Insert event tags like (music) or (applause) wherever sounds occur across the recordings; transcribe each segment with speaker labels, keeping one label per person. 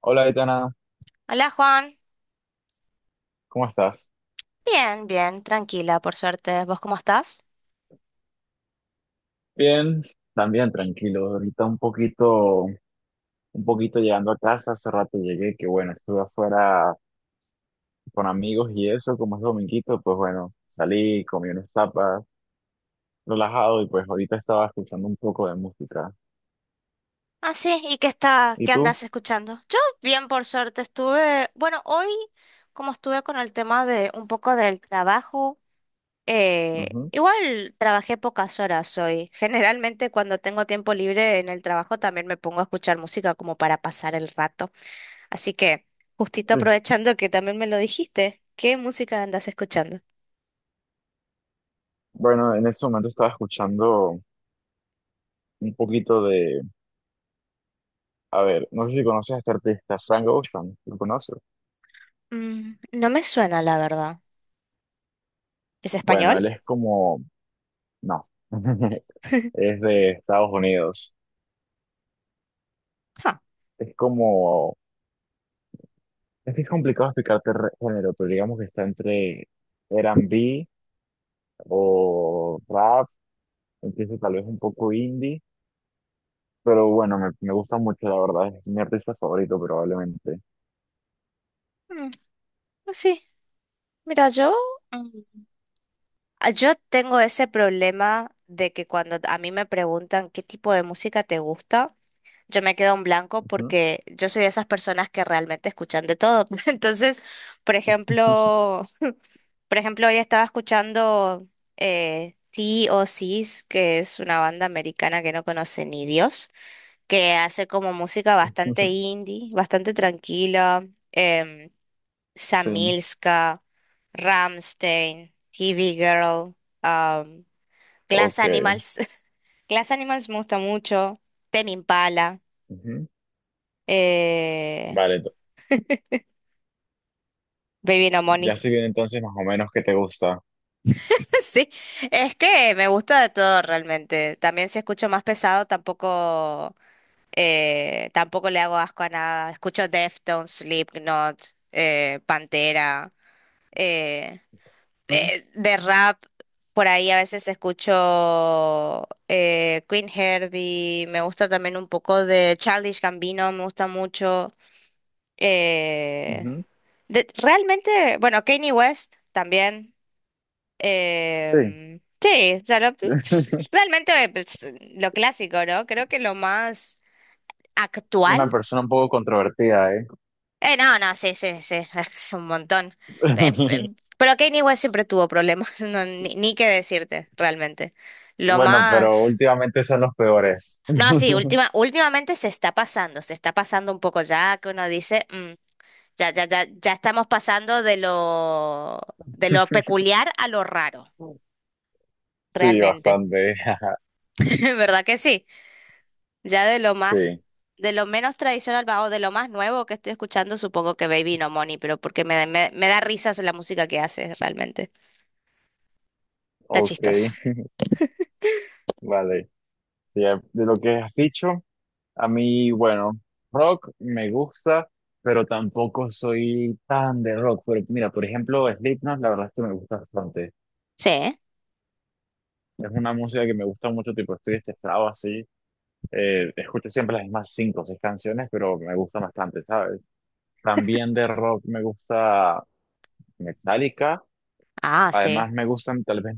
Speaker 1: Hola, Aitana,
Speaker 2: Hola Juan,
Speaker 1: ¿cómo estás?
Speaker 2: bien, bien, tranquila, por suerte. ¿Vos cómo estás?
Speaker 1: Bien, también tranquilo. Ahorita un poquito llegando a casa, hace rato llegué, que bueno, estuve afuera con amigos y eso, como es dominguito, pues bueno, salí, comí unas tapas, relajado y pues ahorita estaba escuchando un poco de música.
Speaker 2: Ah, sí, ¿y
Speaker 1: ¿Y
Speaker 2: qué
Speaker 1: tú?
Speaker 2: andas escuchando? Yo bien, por suerte, estuve, bueno, hoy como estuve con el tema de un poco del trabajo,
Speaker 1: Ujú.
Speaker 2: igual trabajé pocas horas hoy. (laughs) Generalmente cuando tengo tiempo libre en el trabajo también me pongo a escuchar música como para pasar el rato. Así que, justito
Speaker 1: Sí.
Speaker 2: aprovechando que también me lo dijiste, ¿qué música andas escuchando?
Speaker 1: Bueno, en ese momento estaba escuchando un poquito de, a ver, no sé si conoces a este artista, Frank Ocean, ¿lo conoces?
Speaker 2: Mm, no me suena, la verdad. ¿Es
Speaker 1: Bueno,
Speaker 2: español?
Speaker 1: él es como, no, (laughs)
Speaker 2: (laughs)
Speaker 1: es de Estados Unidos.
Speaker 2: Ah,
Speaker 1: Es como, es que es complicado explicarte género, pero digamos que está entre R&B o rap, empieza tal vez un poco indie, pero bueno, me gusta mucho, la verdad, es mi artista favorito probablemente.
Speaker 2: mm, pues sí. Mira, mm, yo tengo ese problema de que cuando a mí me preguntan qué tipo de música te gusta, yo me quedo en blanco
Speaker 1: Ujú.
Speaker 2: porque yo soy de esas personas que realmente escuchan de todo. (laughs) Entonces, por
Speaker 1: (laughs)
Speaker 2: ejemplo, por ejemplo, hoy estaba escuchando T.O.Cs, que es una banda americana que no conoce ni Dios, que hace como música bastante indie, bastante tranquila. em,
Speaker 1: Sí,
Speaker 2: Samilska, Rammstein, TV Girl, um, Glass
Speaker 1: ok.
Speaker 2: Animals. (laughs) Glass Animals me gusta mucho. Tame Impala,
Speaker 1: Ujú.
Speaker 2: eh,
Speaker 1: Vale, ento-
Speaker 2: Baby No
Speaker 1: ya
Speaker 2: Money.
Speaker 1: estoy bien entonces más o menos qué te gusta.
Speaker 2: (laughs) Sí, es que me gusta de todo realmente. También si escucho más pesado, tampoco le hago asco a nada. Escucho Deftones, Slipknot, Pantera. eh,
Speaker 1: Ujú.
Speaker 2: de rap, por ahí a veces escucho Queen Herbie, me gusta también un poco de Childish Gambino, me gusta mucho. eh,
Speaker 1: Ujú.
Speaker 2: realmente, bueno, Kanye West también.
Speaker 1: Sí.
Speaker 2: Sí, o sea, pues,
Speaker 1: (laughs)
Speaker 2: realmente pues, lo clásico, ¿no? Creo que lo más
Speaker 1: Una
Speaker 2: actual.
Speaker 1: persona un poco controvertida, ¿eh?
Speaker 2: No, no, sí, sí, sí, (laughs) es un montón. Eh, eh,
Speaker 1: (laughs)
Speaker 2: pero Kanye West siempre tuvo problemas, (laughs) no, ni qué decirte, realmente. Lo
Speaker 1: Bueno, pero
Speaker 2: más.
Speaker 1: últimamente son los peores.
Speaker 2: No, sí, últimamente se está pasando un poco ya, que uno dice, ya, ya, ya, ya estamos pasando de lo
Speaker 1: (laughs)
Speaker 2: peculiar a lo raro,
Speaker 1: Sí,
Speaker 2: realmente.
Speaker 1: bastante. (laughs)
Speaker 2: (laughs) ¿Verdad que sí? Ya
Speaker 1: Sí,
Speaker 2: de lo menos tradicional va, o de lo más nuevo que estoy escuchando, supongo que Baby No Money, pero porque me da risas la música que hace, realmente. Está
Speaker 1: ok,
Speaker 2: chistoso.
Speaker 1: (laughs) vale. Sí, de lo que has dicho, a mí, bueno, rock me gusta, pero tampoco soy tan de rock. Pero mira, por ejemplo, Slipknot, la verdad es que me gusta bastante.
Speaker 2: Sí.
Speaker 1: Es una música que me gusta mucho, tipo, estoy estresado así. Escucho siempre las mismas cinco o seis canciones, pero me gusta bastante, ¿sabes? También de rock me gusta Metallica.
Speaker 2: Ah, sí.
Speaker 1: Además, me gustan tal vez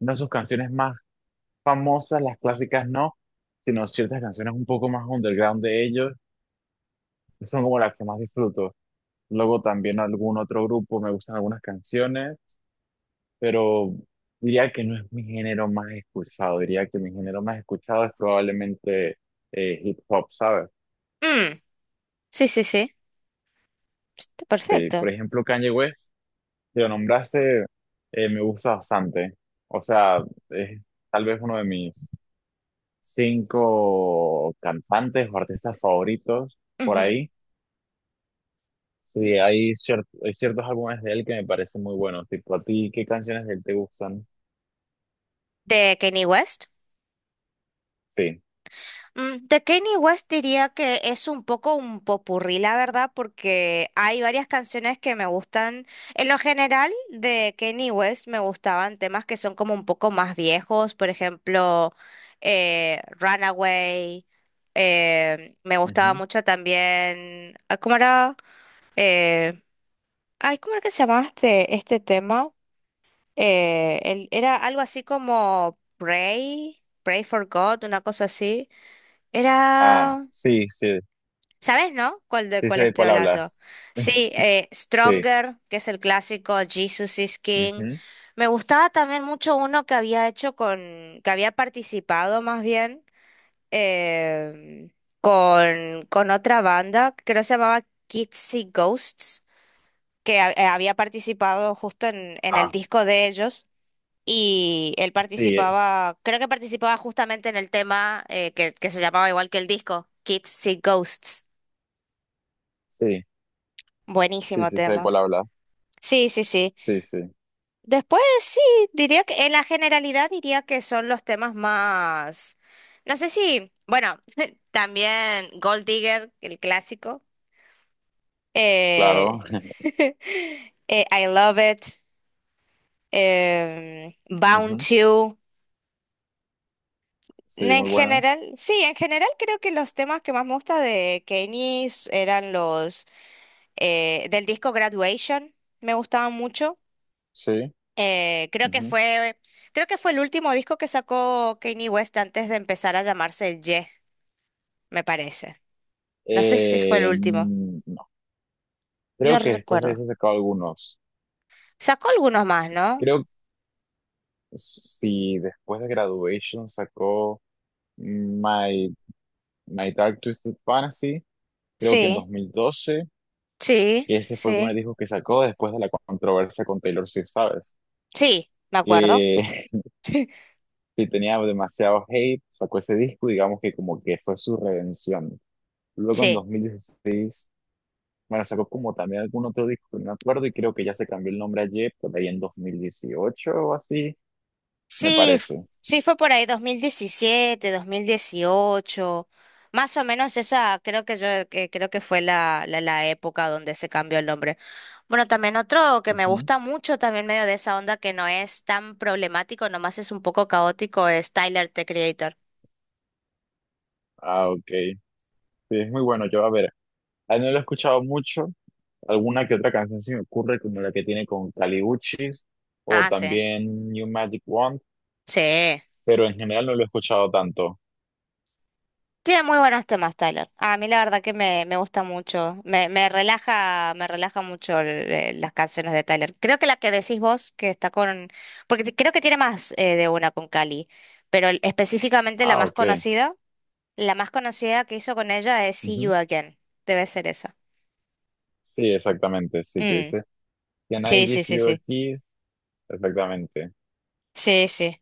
Speaker 1: una de sus canciones más famosas, las clásicas no, sino ciertas canciones un poco más underground de ellos, que son como las que más disfruto. Luego también algún otro grupo, me gustan algunas canciones, pero diría que no es mi género más escuchado, diría que mi género más escuchado es probablemente hip hop, ¿sabes?
Speaker 2: Mm, sí, sí, sí. Está
Speaker 1: Sí,
Speaker 2: perfecto.
Speaker 1: por ejemplo, Kanye West, que lo nombraste, me gusta bastante. O sea, es tal vez uno de mis cinco cantantes o artistas favoritos por
Speaker 2: Ujú.
Speaker 1: ahí. Sí, hay ciertos álbumes de él que me parecen muy buenos. Tipo, ¿a ti qué canciones de él te gustan?
Speaker 2: ¿De Kanye West?
Speaker 1: Sí.
Speaker 2: De Kanye West diría que es un poco un popurrí, la verdad, porque hay varias canciones que me gustan. En lo general, de Kanye West me gustaban temas que son como un poco más viejos, por ejemplo, Runaway. Me gustaba
Speaker 1: Ujú.
Speaker 2: mucho también. ¿Cómo era? Eh, ay, ¿cómo era que se llamaba este tema? Era algo así como Pray, Pray for God, una cosa así.
Speaker 1: Ah,
Speaker 2: Era,
Speaker 1: sí, sí.
Speaker 2: ¿Sabes, no? ¿Cuál de
Speaker 1: Sí
Speaker 2: cuál
Speaker 1: sé de
Speaker 2: estoy
Speaker 1: cuál
Speaker 2: hablando?
Speaker 1: hablas.
Speaker 2: Sí,
Speaker 1: (laughs) Sí.
Speaker 2: Stronger, que es el clásico, Jesus is King.
Speaker 1: Ujú.
Speaker 2: Me gustaba también mucho uno que había hecho que había participado más bien em, con otra banda, que creo que se llamaba Kids See Ghosts, había participado justo en el
Speaker 1: Ah,
Speaker 2: disco de ellos. Y él
Speaker 1: sí,
Speaker 2: participaba, creo que participaba justamente en el tema que se llamaba igual que el disco, Kids See Ghosts.
Speaker 1: sí. Sí,
Speaker 2: Buenísimo
Speaker 1: sí sé de
Speaker 2: tema.
Speaker 1: cuál hablas.
Speaker 2: Sí, sí, sí.
Speaker 1: Sí, sí.
Speaker 2: Después sí, diría que en la generalidad diría que son los temas más. No sé si, bueno, (laughs) también Gold Digger, el clásico.
Speaker 1: Claro.
Speaker 2: eh,
Speaker 1: (laughs)
Speaker 2: (laughs) I Love It. Bound
Speaker 1: Ujú.
Speaker 2: to.
Speaker 1: Sí,
Speaker 2: En
Speaker 1: muy buena.
Speaker 2: general, sí, en general creo que los temas que más me gusta de Kenny's eran los del disco Graduation, me gustaban mucho.
Speaker 1: Sí.
Speaker 2: Eh, creo que
Speaker 1: Ujú.
Speaker 2: fue, creo que fue el último disco que sacó Kanye West antes de empezar a llamarse el Ye, me parece. No sé si fue el último,
Speaker 1: Mm, no.
Speaker 2: no
Speaker 1: Creo que después de
Speaker 2: recuerdo.
Speaker 1: eso sacó algunos.
Speaker 2: Sacó algunos más, ¿no?
Speaker 1: Creo si después de Graduation sacó... My My Dark Twisted Fantasy, creo que en
Speaker 2: Sí,
Speaker 1: 2012,
Speaker 2: sí,
Speaker 1: y ese fue el primer
Speaker 2: sí.
Speaker 1: disco que sacó después de la controversia con Taylor Swift, ¿sabes?
Speaker 2: Sí, me acuerdo.
Speaker 1: Eh, (laughs) que tenía demasiado hate, sacó ese disco, digamos que como que fue su redención. Luego en
Speaker 2: Sí.
Speaker 1: 2016 bueno, sacó como también algún otro disco que no me acuerdo, y creo que ya se cambió el nombre ayer, por ahí en 2018 o así, me
Speaker 2: Sí, f-
Speaker 1: parece.
Speaker 2: sí, fue por ahí dos mil diecisiete, 2018, más o menos esa creo que yo que creo que fue la época donde se cambió el nombre. Bueno, también otro que me
Speaker 1: Ujú.
Speaker 2: gusta mucho, también medio de esa onda que no es tan problemático, nomás es un poco caótico, es Tyler, The Creator.
Speaker 1: Ah, ok. Sí, es muy bueno. Yo, a ver, a él no lo he escuchado mucho. Alguna que otra canción se me ocurre, como la que tiene con Caliuchis o
Speaker 2: Ah, sí,
Speaker 1: también New Magic Wand,
Speaker 2: sí.
Speaker 1: pero en general no lo he escuchado tanto.
Speaker 2: Tiene muy buenos temas, Tyler. A mí la verdad que me gusta mucho. Me relaja mucho las canciones de Tyler. Creo que la que decís vos, que está con. Creo que tiene más de una con Cali, pero específicamente la
Speaker 1: Ah,
Speaker 2: más
Speaker 1: ok.
Speaker 2: conocida, la más conocida que hizo con ella es See You
Speaker 1: Ujú.
Speaker 2: Again. Debe ser esa.
Speaker 1: Sí, exactamente. Sí, que
Speaker 2: Mm,
Speaker 1: dice Can I
Speaker 2: sí, sí,
Speaker 1: give
Speaker 2: sí,
Speaker 1: you a
Speaker 2: sí.
Speaker 1: kiss? Exactamente.
Speaker 2: Sí, sí.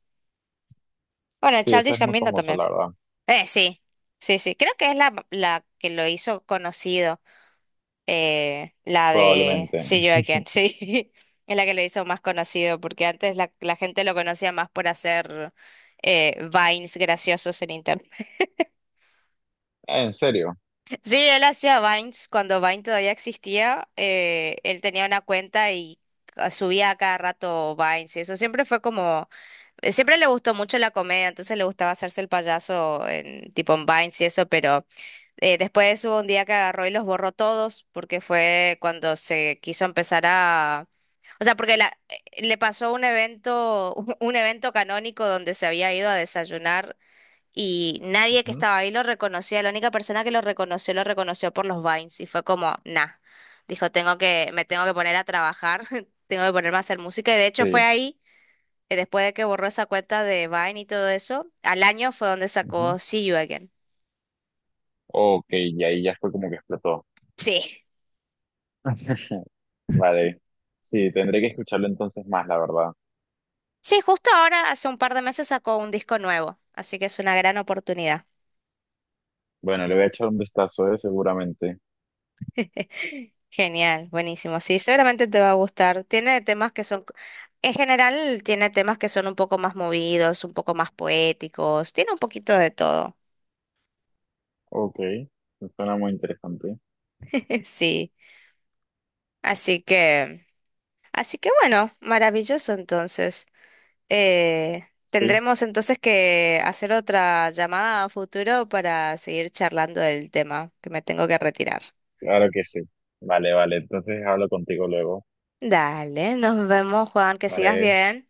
Speaker 2: Bueno,
Speaker 1: Sí, esa
Speaker 2: Childish
Speaker 1: es muy
Speaker 2: Gambino
Speaker 1: famosa,
Speaker 2: también.
Speaker 1: la verdad.
Speaker 2: Sí. Sí, sí. Creo que es la que lo hizo conocido. La de
Speaker 1: Probablemente.
Speaker 2: See You
Speaker 1: (laughs)
Speaker 2: Again, (laughs) sí, es la que le hizo más conocido, porque antes la gente lo conocía más por hacer Vines graciosos en internet.
Speaker 1: Ah, ¿en serio?
Speaker 2: (laughs) Sí, él hacía Vines, cuando Vine todavía existía, él tenía una cuenta y subía a cada rato Vines, y eso siempre fue como, siempre le gustó mucho la comedia, entonces le gustaba hacerse el payaso en tipo en Vines y eso, pero. Después hubo un día que agarró y los borró todos, porque fue cuando se quiso empezar a. O sea, porque le pasó un evento, (laughs) un evento canónico donde se había ido a desayunar y nadie que
Speaker 1: Ujú.
Speaker 2: estaba ahí lo reconocía. La única persona que lo reconoció por los Vines y fue como, nah, dijo, me tengo que poner a trabajar, (laughs) tengo que ponerme a hacer música. Y de hecho fue
Speaker 1: Sí.
Speaker 2: ahí, después de que borró esa cuenta de Vine y todo eso, al año fue donde
Speaker 1: Ujú.
Speaker 2: sacó See You Again.
Speaker 1: Ok, y ahí ya fue como que explotó.
Speaker 2: Sí.
Speaker 1: (laughs) Vale. Sí, tendré que escucharlo entonces más, la verdad.
Speaker 2: Sí, justo ahora, hace un par de meses sacó un disco nuevo, así que es una gran oportunidad.
Speaker 1: Bueno, le voy a echar un vistazo, seguramente.
Speaker 2: (laughs) Genial, buenísimo. Sí, seguramente te va a gustar. Tiene temas que son, en general, tiene temas que son un poco más movidos, un poco más poéticos, tiene un poquito de todo.
Speaker 1: Ok, suena muy interesante.
Speaker 2: (laughs) Sí, así que, así que, bueno, maravilloso entonces. Eh,
Speaker 1: Sí,
Speaker 2: tendremos entonces que hacer otra llamada a futuro para seguir charlando del tema, que me tengo que retirar.
Speaker 1: claro que sí. Vale, vale, entonces hablo contigo luego.
Speaker 2: Dale, nos vemos, Juan, que sigas
Speaker 1: Vale.
Speaker 2: bien.